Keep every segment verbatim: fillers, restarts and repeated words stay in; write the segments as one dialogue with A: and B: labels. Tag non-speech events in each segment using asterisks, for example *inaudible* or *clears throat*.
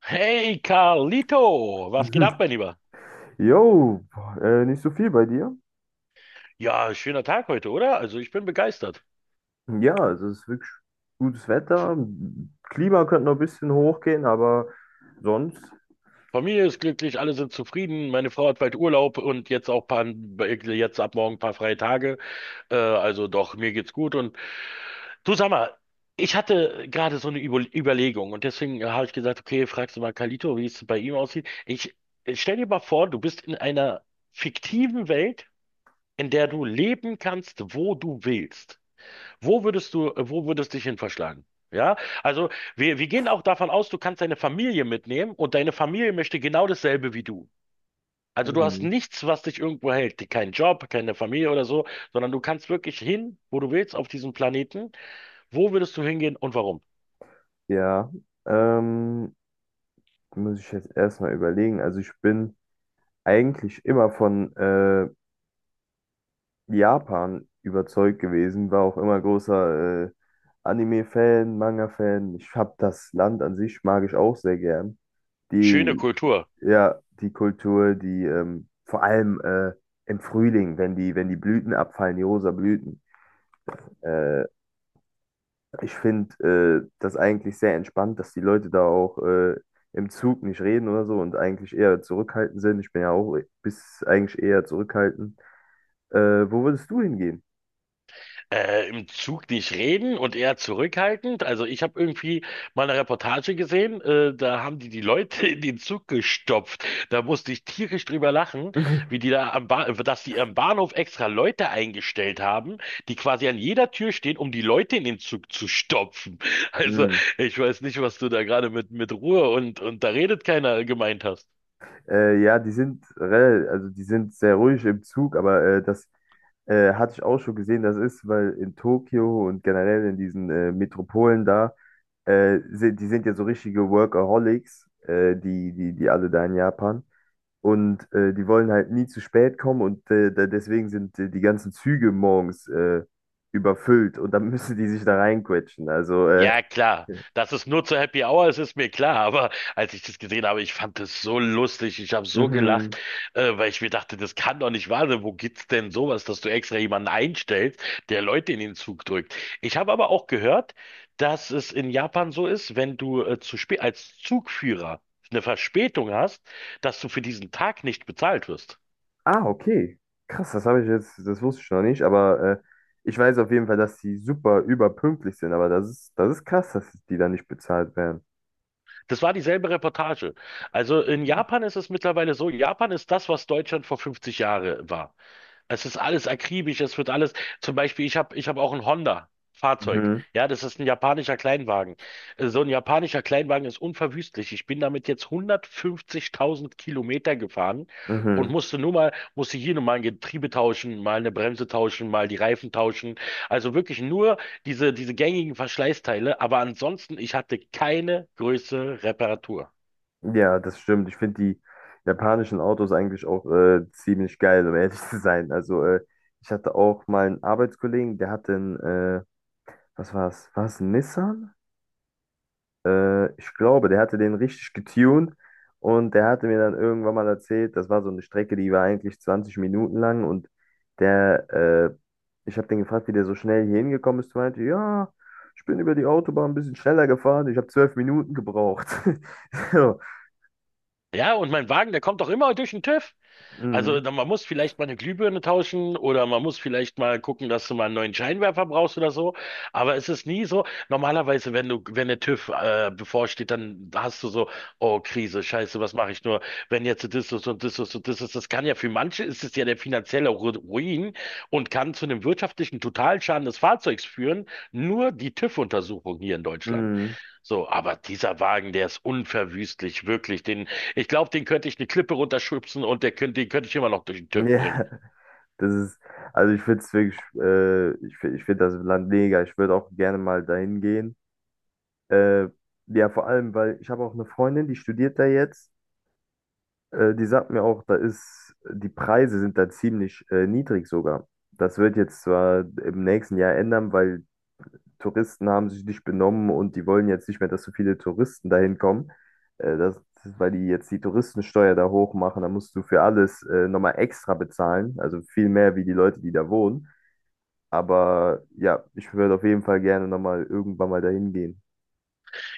A: Hey Carlito, was geht ab,
B: Mhm.
A: mein Lieber?
B: Jo, äh, nicht so viel bei dir.
A: Ja, schöner Tag heute, oder? Also ich bin begeistert.
B: Ja, also es ist wirklich gutes Wetter. Klima könnte noch ein bisschen hochgehen, aber sonst.
A: Familie ist glücklich, alle sind zufrieden. Meine Frau hat bald Urlaub und jetzt auch paar, jetzt ab morgen ein paar freie Tage. Äh, also doch, mir geht's gut. Und du sag mal, ich hatte gerade so eine Über Überlegung und deswegen äh, habe ich gesagt, okay, fragst du mal Carlito, wie es bei ihm aussieht. Ich ich stell dir mal vor, du bist in einer fiktiven Welt, in der du leben kannst, wo du willst. Wo würdest du, äh, wo würdest dich hin verschlagen? Ja, also wir, wir gehen auch davon aus, du kannst deine Familie mitnehmen und deine Familie möchte genau dasselbe wie du. Also du hast
B: Mhm.
A: nichts, was dich irgendwo hält, keinen Job, keine Familie oder so, sondern du kannst wirklich hin, wo du willst auf diesem Planeten. Wo würdest du hingehen und warum?
B: Ja, ähm, muss ich jetzt erstmal überlegen. Also ich bin eigentlich immer von äh, Japan überzeugt gewesen, war auch immer großer äh, Anime-Fan, Manga-Fan. Ich habe das Land an sich mag ich auch sehr gern.
A: Schöne
B: Die
A: Kultur.
B: Ja, die Kultur, die ähm, vor allem äh, im Frühling, wenn die, wenn die Blüten abfallen, die rosa Blüten. Äh, Ich finde äh, das eigentlich sehr entspannt, dass die Leute da auch äh, im Zug nicht reden oder so und eigentlich eher zurückhaltend sind. Ich bin ja auch bis eigentlich eher zurückhaltend. Äh, wo würdest du hingehen?
A: Äh, im Zug nicht reden und eher zurückhaltend. Also ich habe irgendwie mal eine Reportage gesehen, äh, da haben die die Leute *laughs* in den Zug gestopft. Da musste ich tierisch drüber lachen, wie
B: *laughs*
A: die da am ba dass die am Bahnhof extra Leute eingestellt haben, die quasi an jeder Tür stehen, um die Leute in den Zug zu stopfen. *laughs* Also
B: Hm.
A: ich weiß nicht, was du da gerade mit mit Ruhe und und da redet keiner gemeint hast.
B: Äh, ja, die sind rel- also die sind sehr ruhig im Zug, aber äh, das äh, hatte ich auch schon gesehen, das ist, weil in Tokio und generell in diesen äh, Metropolen da. Äh, sind, die sind ja so richtige Workaholics, äh, die, die, die alle da in Japan. Und äh, die wollen halt nie zu spät kommen und äh, da, deswegen sind äh, die ganzen Züge morgens äh, überfüllt und dann *laughs* müssen die sich da reinquetschen. Also, äh,
A: Ja, klar. Dass es nur zur Happy Hour ist, ist mir klar. Aber als ich das gesehen habe, ich fand das so lustig. Ich habe so
B: mhm.
A: gelacht, äh, weil ich mir dachte, das kann doch nicht wahr sein. Wo gibt's denn sowas, dass du extra jemanden einstellst, der Leute in den Zug drückt? Ich habe aber auch gehört, dass es in Japan so ist, wenn du äh, zu spät als Zugführer eine Verspätung hast, dass du für diesen Tag nicht bezahlt wirst.
B: Ah, okay. Krass, das habe ich jetzt, das wusste ich noch nicht, aber äh, ich weiß auf jeden Fall, dass die super überpünktlich sind, aber das ist, das ist krass, dass die da nicht bezahlt werden.
A: Das war dieselbe Reportage. Also in Japan ist es mittlerweile so, Japan ist das, was Deutschland vor fünfzig Jahren war. Es ist alles akribisch, es wird alles. Zum Beispiel, ich habe ich hab auch ein Honda-Fahrzeug.
B: Mhm.
A: Ja, das ist ein japanischer Kleinwagen. Äh, So ein japanischer Kleinwagen ist unverwüstlich. Ich bin damit jetzt hundertfünfzigtausend Kilometer gefahren und
B: Mhm.
A: musste nur mal, musste hier nur mal ein Getriebe tauschen, mal eine Bremse tauschen, mal die Reifen tauschen. Also wirklich nur diese, diese gängigen Verschleißteile. Aber ansonsten, ich hatte keine größere Reparatur.
B: Ja, das stimmt. Ich finde die japanischen Autos eigentlich auch äh, ziemlich geil, um *laughs* ehrlich zu sein. Also, äh, ich hatte auch mal einen Arbeitskollegen, der hatte einen, äh, was war's? War's ein Nissan? Äh, ich glaube, der hatte den richtig getuned und der hatte mir dann irgendwann mal erzählt, das war so eine Strecke, die war eigentlich zwanzig Minuten lang und der, äh, ich habe den gefragt, wie der so schnell hier hingekommen ist. Der meinte, ja, ich bin über die Autobahn ein bisschen schneller gefahren, ich habe zwölf Minuten gebraucht. *laughs* So.
A: Ja, und mein Wagen, der kommt doch immer durch den TÜV. Also
B: Mhm.
A: dann, man muss vielleicht mal eine Glühbirne tauschen oder man muss vielleicht mal gucken, dass du mal einen neuen Scheinwerfer brauchst oder so. Aber es ist nie so. Normalerweise, wenn du, wenn der TÜV äh, bevorsteht, dann hast du so, oh Krise, Scheiße, was mache ich nur, wenn jetzt das ist und das ist und das ist. Das kann ja für manche ist es ja der finanzielle Ru- Ruin und kann zu einem wirtschaftlichen Totalschaden des Fahrzeugs führen. Nur die TÜV-Untersuchung hier in Deutschland.
B: Mhm.
A: So, aber dieser Wagen, der ist unverwüstlich, wirklich. Den, ich glaube, den könnte ich eine Klippe runterschubsen und der könnte, den könnte ich immer noch durch den
B: *laughs*
A: TÜV bringen.
B: Ja, das ist, also ich finde es wirklich, äh, ich finde ich finde das Land mega. Ich würde auch gerne mal dahin gehen. Äh, ja, vor allem, weil ich habe auch eine Freundin, die studiert da jetzt. Äh, die sagt mir auch, da ist, die Preise sind da ziemlich äh, niedrig sogar. Das wird jetzt zwar im nächsten Jahr ändern, weil Touristen haben sich nicht benommen und die wollen jetzt nicht mehr, dass so viele Touristen dahin kommen. Äh, das, Weil die jetzt die Touristensteuer da hoch machen, da musst du für alles äh, nochmal extra bezahlen. Also viel mehr wie die Leute, die da wohnen. Aber ja, ich würde auf jeden Fall gerne nochmal irgendwann mal dahin gehen.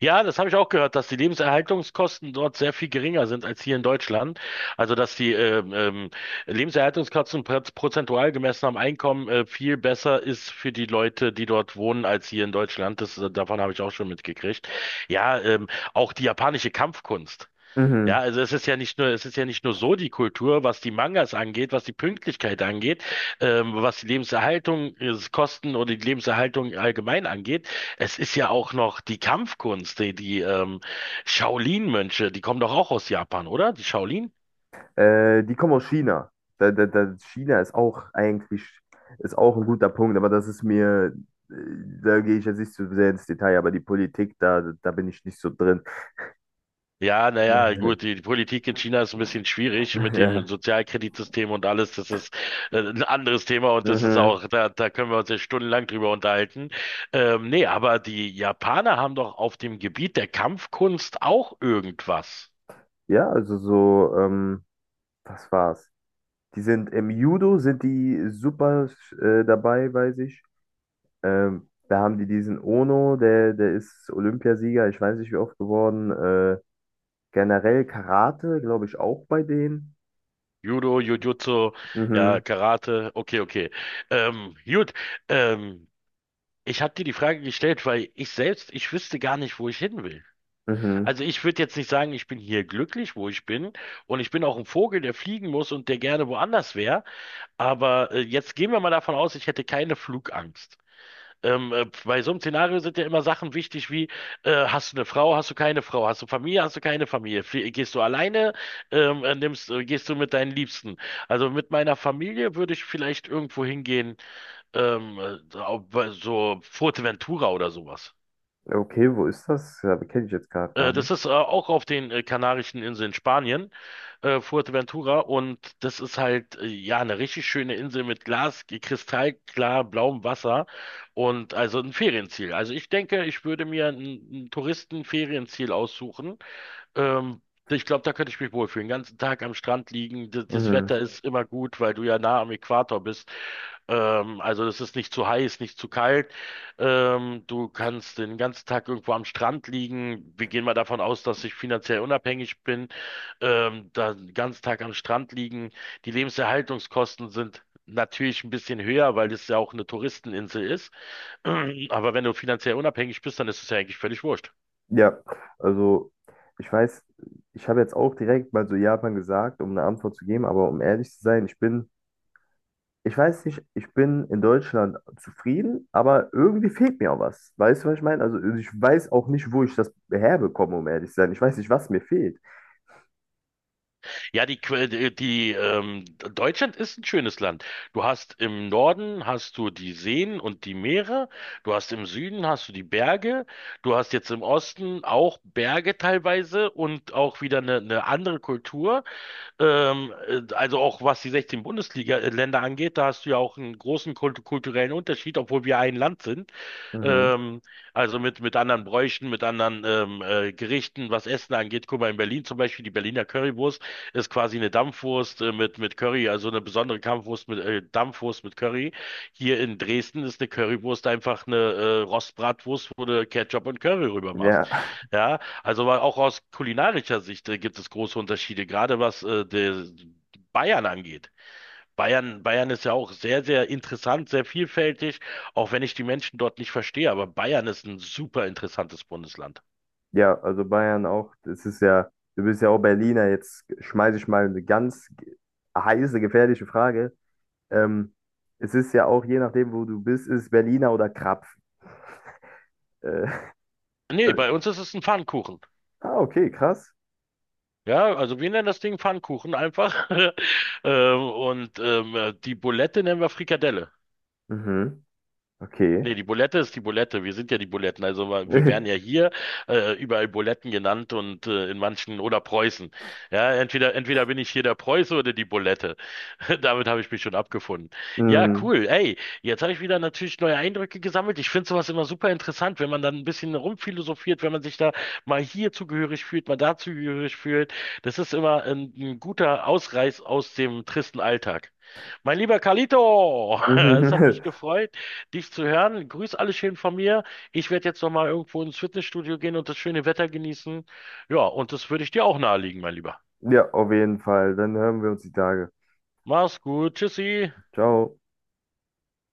A: Ja, das habe ich auch gehört, dass die Lebenserhaltungskosten dort sehr viel geringer sind als hier in Deutschland. Also, dass die ähm, ähm, Lebenserhaltungskosten pro- prozentual gemessen am Einkommen äh, viel besser ist für die Leute, die dort wohnen, als hier in Deutschland. Das, äh, davon habe ich auch schon mitgekriegt. Ja, ähm, auch die japanische Kampfkunst. Ja,
B: Mhm.
A: also es ist ja nicht nur, es ist ja nicht nur so die Kultur, was die Mangas angeht, was die Pünktlichkeit angeht, ähm, was die Lebenserhaltung, äh, Kosten oder die Lebenserhaltung allgemein angeht. Es ist ja auch noch die Kampfkunst, die, die ähm, Shaolin-Mönche, die kommen doch auch aus Japan, oder? Die...
B: Äh, die kommen aus China. Da, da, da, China ist auch eigentlich ist auch ein guter Punkt, aber das ist mir, äh, da gehe ich jetzt nicht zu sehr ins Detail, aber die Politik, da, da bin ich nicht so drin.
A: Ja, naja, gut,
B: *laughs*
A: die, die Politik in China ist ein bisschen schwierig mit dem
B: Ja.
A: Sozialkreditsystem und alles. Das ist äh, ein anderes Thema und das ist
B: Mhm.
A: auch, da, da können wir uns ja stundenlang drüber unterhalten. Ähm, nee, aber die Japaner haben doch auf dem Gebiet der Kampfkunst auch irgendwas.
B: Ja, also so, ähm, was war's? Die sind im Judo, sind die super äh, dabei, weiß ich. Ähm, da haben die diesen Ono, der, der ist Olympiasieger, ich weiß nicht wie oft geworden. Äh, generell Karate, glaube ich, auch bei denen.
A: Judo, Jujutsu, ja,
B: Mhm.
A: Karate, okay, okay. Ähm, gut, ähm, ich habe dir die Frage gestellt, weil ich selbst, ich wüsste gar nicht, wo ich hin will.
B: Mhm.
A: Also ich würde jetzt nicht sagen, ich bin hier glücklich, wo ich bin. Und ich bin auch ein Vogel, der fliegen muss und der gerne woanders wäre. Aber äh, jetzt gehen wir mal davon aus, ich hätte keine Flugangst. Ähm, äh, bei so einem Szenario sind ja immer Sachen wichtig wie, äh, hast du eine Frau, hast du keine Frau, hast du Familie, hast du keine Familie, Flie gehst du alleine, ähm, äh, nimmst, äh, gehst du mit deinen Liebsten. Also mit meiner Familie würde ich vielleicht irgendwo hingehen, ähm, äh, so Fuerteventura oder sowas.
B: Okay, wo ist das? Ja, kenne ich jetzt gerade
A: Äh,
B: gar
A: das
B: nicht.
A: ist äh, auch auf den äh, Kanarischen Inseln Spanien, äh, Fuerteventura. Und das ist halt, äh, ja, eine richtig schöne Insel mit Glas, kristallklar blauem Wasser und also ein Ferienziel. Also ich denke, ich würde mir ein, ein Touristenferienziel aussuchen, ähm, ich glaube, da könnte ich mich wohlfühlen. Den ganzen Tag am Strand liegen. Das, das
B: Mhm.
A: Wetter ist immer gut, weil du ja nah am Äquator bist. Ähm, also es ist nicht zu heiß, nicht zu kalt. Ähm, du kannst den ganzen Tag irgendwo am Strand liegen. Wir gehen mal davon aus, dass ich finanziell unabhängig bin. Ähm, da den ganzen Tag am Strand liegen. Die Lebenserhaltungskosten sind natürlich ein bisschen höher, weil es ja auch eine Touristeninsel ist. *clears throat* Aber wenn du finanziell unabhängig bist, dann ist es ja eigentlich völlig wurscht.
B: Ja, also ich weiß, ich habe jetzt auch direkt mal so Japan gesagt, um eine Antwort zu geben, aber um ehrlich zu sein, ich bin ich weiß nicht, ich bin in Deutschland zufrieden, aber irgendwie fehlt mir auch was. Weißt du, was ich meine? Also also ich weiß auch nicht, wo ich das herbekomme, um ehrlich zu sein. Ich weiß nicht, was mir fehlt.
A: Ja, die, Que- die, die ähm, Deutschland ist ein schönes Land. Du hast im Norden hast du die Seen und die Meere, du hast im Süden hast du die Berge, du hast jetzt im Osten auch Berge teilweise und auch wieder eine, eine andere Kultur. Ähm, äh, also auch was die sechzehn Bundesliga-Länder angeht, da hast du ja auch einen großen kult kulturellen Unterschied, obwohl wir ein Land sind.
B: Mhm.
A: Ähm, also mit, mit anderen Bräuchen, mit anderen ähm, äh, Gerichten, was Essen angeht. Guck mal, in Berlin zum Beispiel, die Berliner Currywurst ist quasi eine Dampfwurst äh, mit, mit Curry, also eine besondere Kampfwurst mit, äh, Dampfwurst mit Curry. Hier in Dresden ist eine Currywurst einfach eine äh, Rostbratwurst, wo du Ketchup und Curry rüber machst.
B: Ja, *laughs*
A: Ja, also war auch aus kulinarischer Sicht äh, gibt es große Unterschiede, gerade was äh, der Bayern angeht. Bayern, Bayern ist ja auch sehr, sehr interessant, sehr vielfältig, auch wenn ich die Menschen dort nicht verstehe. Aber Bayern ist ein super interessantes Bundesland.
B: ja, also Bayern auch. Das ist ja, du bist ja auch Berliner. Jetzt schmeiße ich mal eine ganz ge- heiße, gefährliche Frage. Ähm, Es ist ja auch, je nachdem, wo du bist, ist Berliner oder Krapfen. Äh,
A: Nee, bei
B: *laughs*
A: uns ist es ein Pfannkuchen.
B: ah, okay, krass.
A: Ja, also wir nennen das Ding Pfannkuchen einfach. *laughs* Ähm, und ähm, die Bulette nennen wir Frikadelle.
B: Mhm. Okay.
A: Nee, die Bulette ist die Bulette. Wir sind ja die Buletten. Also wa- wir
B: *laughs*
A: werden ja hier äh, überall Buletten genannt und äh, in manchen oder Preußen. Ja, entweder entweder bin ich hier der Preuße oder die Bulette. *laughs* Damit habe ich mich schon abgefunden. Ja,
B: Mhm.
A: cool. Ey, jetzt habe ich wieder natürlich neue Eindrücke gesammelt. Ich finde sowas immer super interessant, wenn man dann ein bisschen rumphilosophiert, wenn man sich da mal hier zugehörig fühlt, mal da zugehörig fühlt. Das ist immer ein, ein guter Ausreiß aus dem tristen Alltag. Mein lieber Carlito, *laughs* es hat
B: Mhm.
A: mich
B: *laughs*
A: gefreut dich zu hören. Grüß alle schön von mir. Ich werde jetzt nochmal irgendwo ins Fitnessstudio gehen und das schöne Wetter genießen. Ja, und das würde ich dir auch nahelegen, mein Lieber.
B: Ja, auf jeden Fall. Dann hören wir uns die Tage.
A: Mach's gut. Tschüssi.
B: Ciao.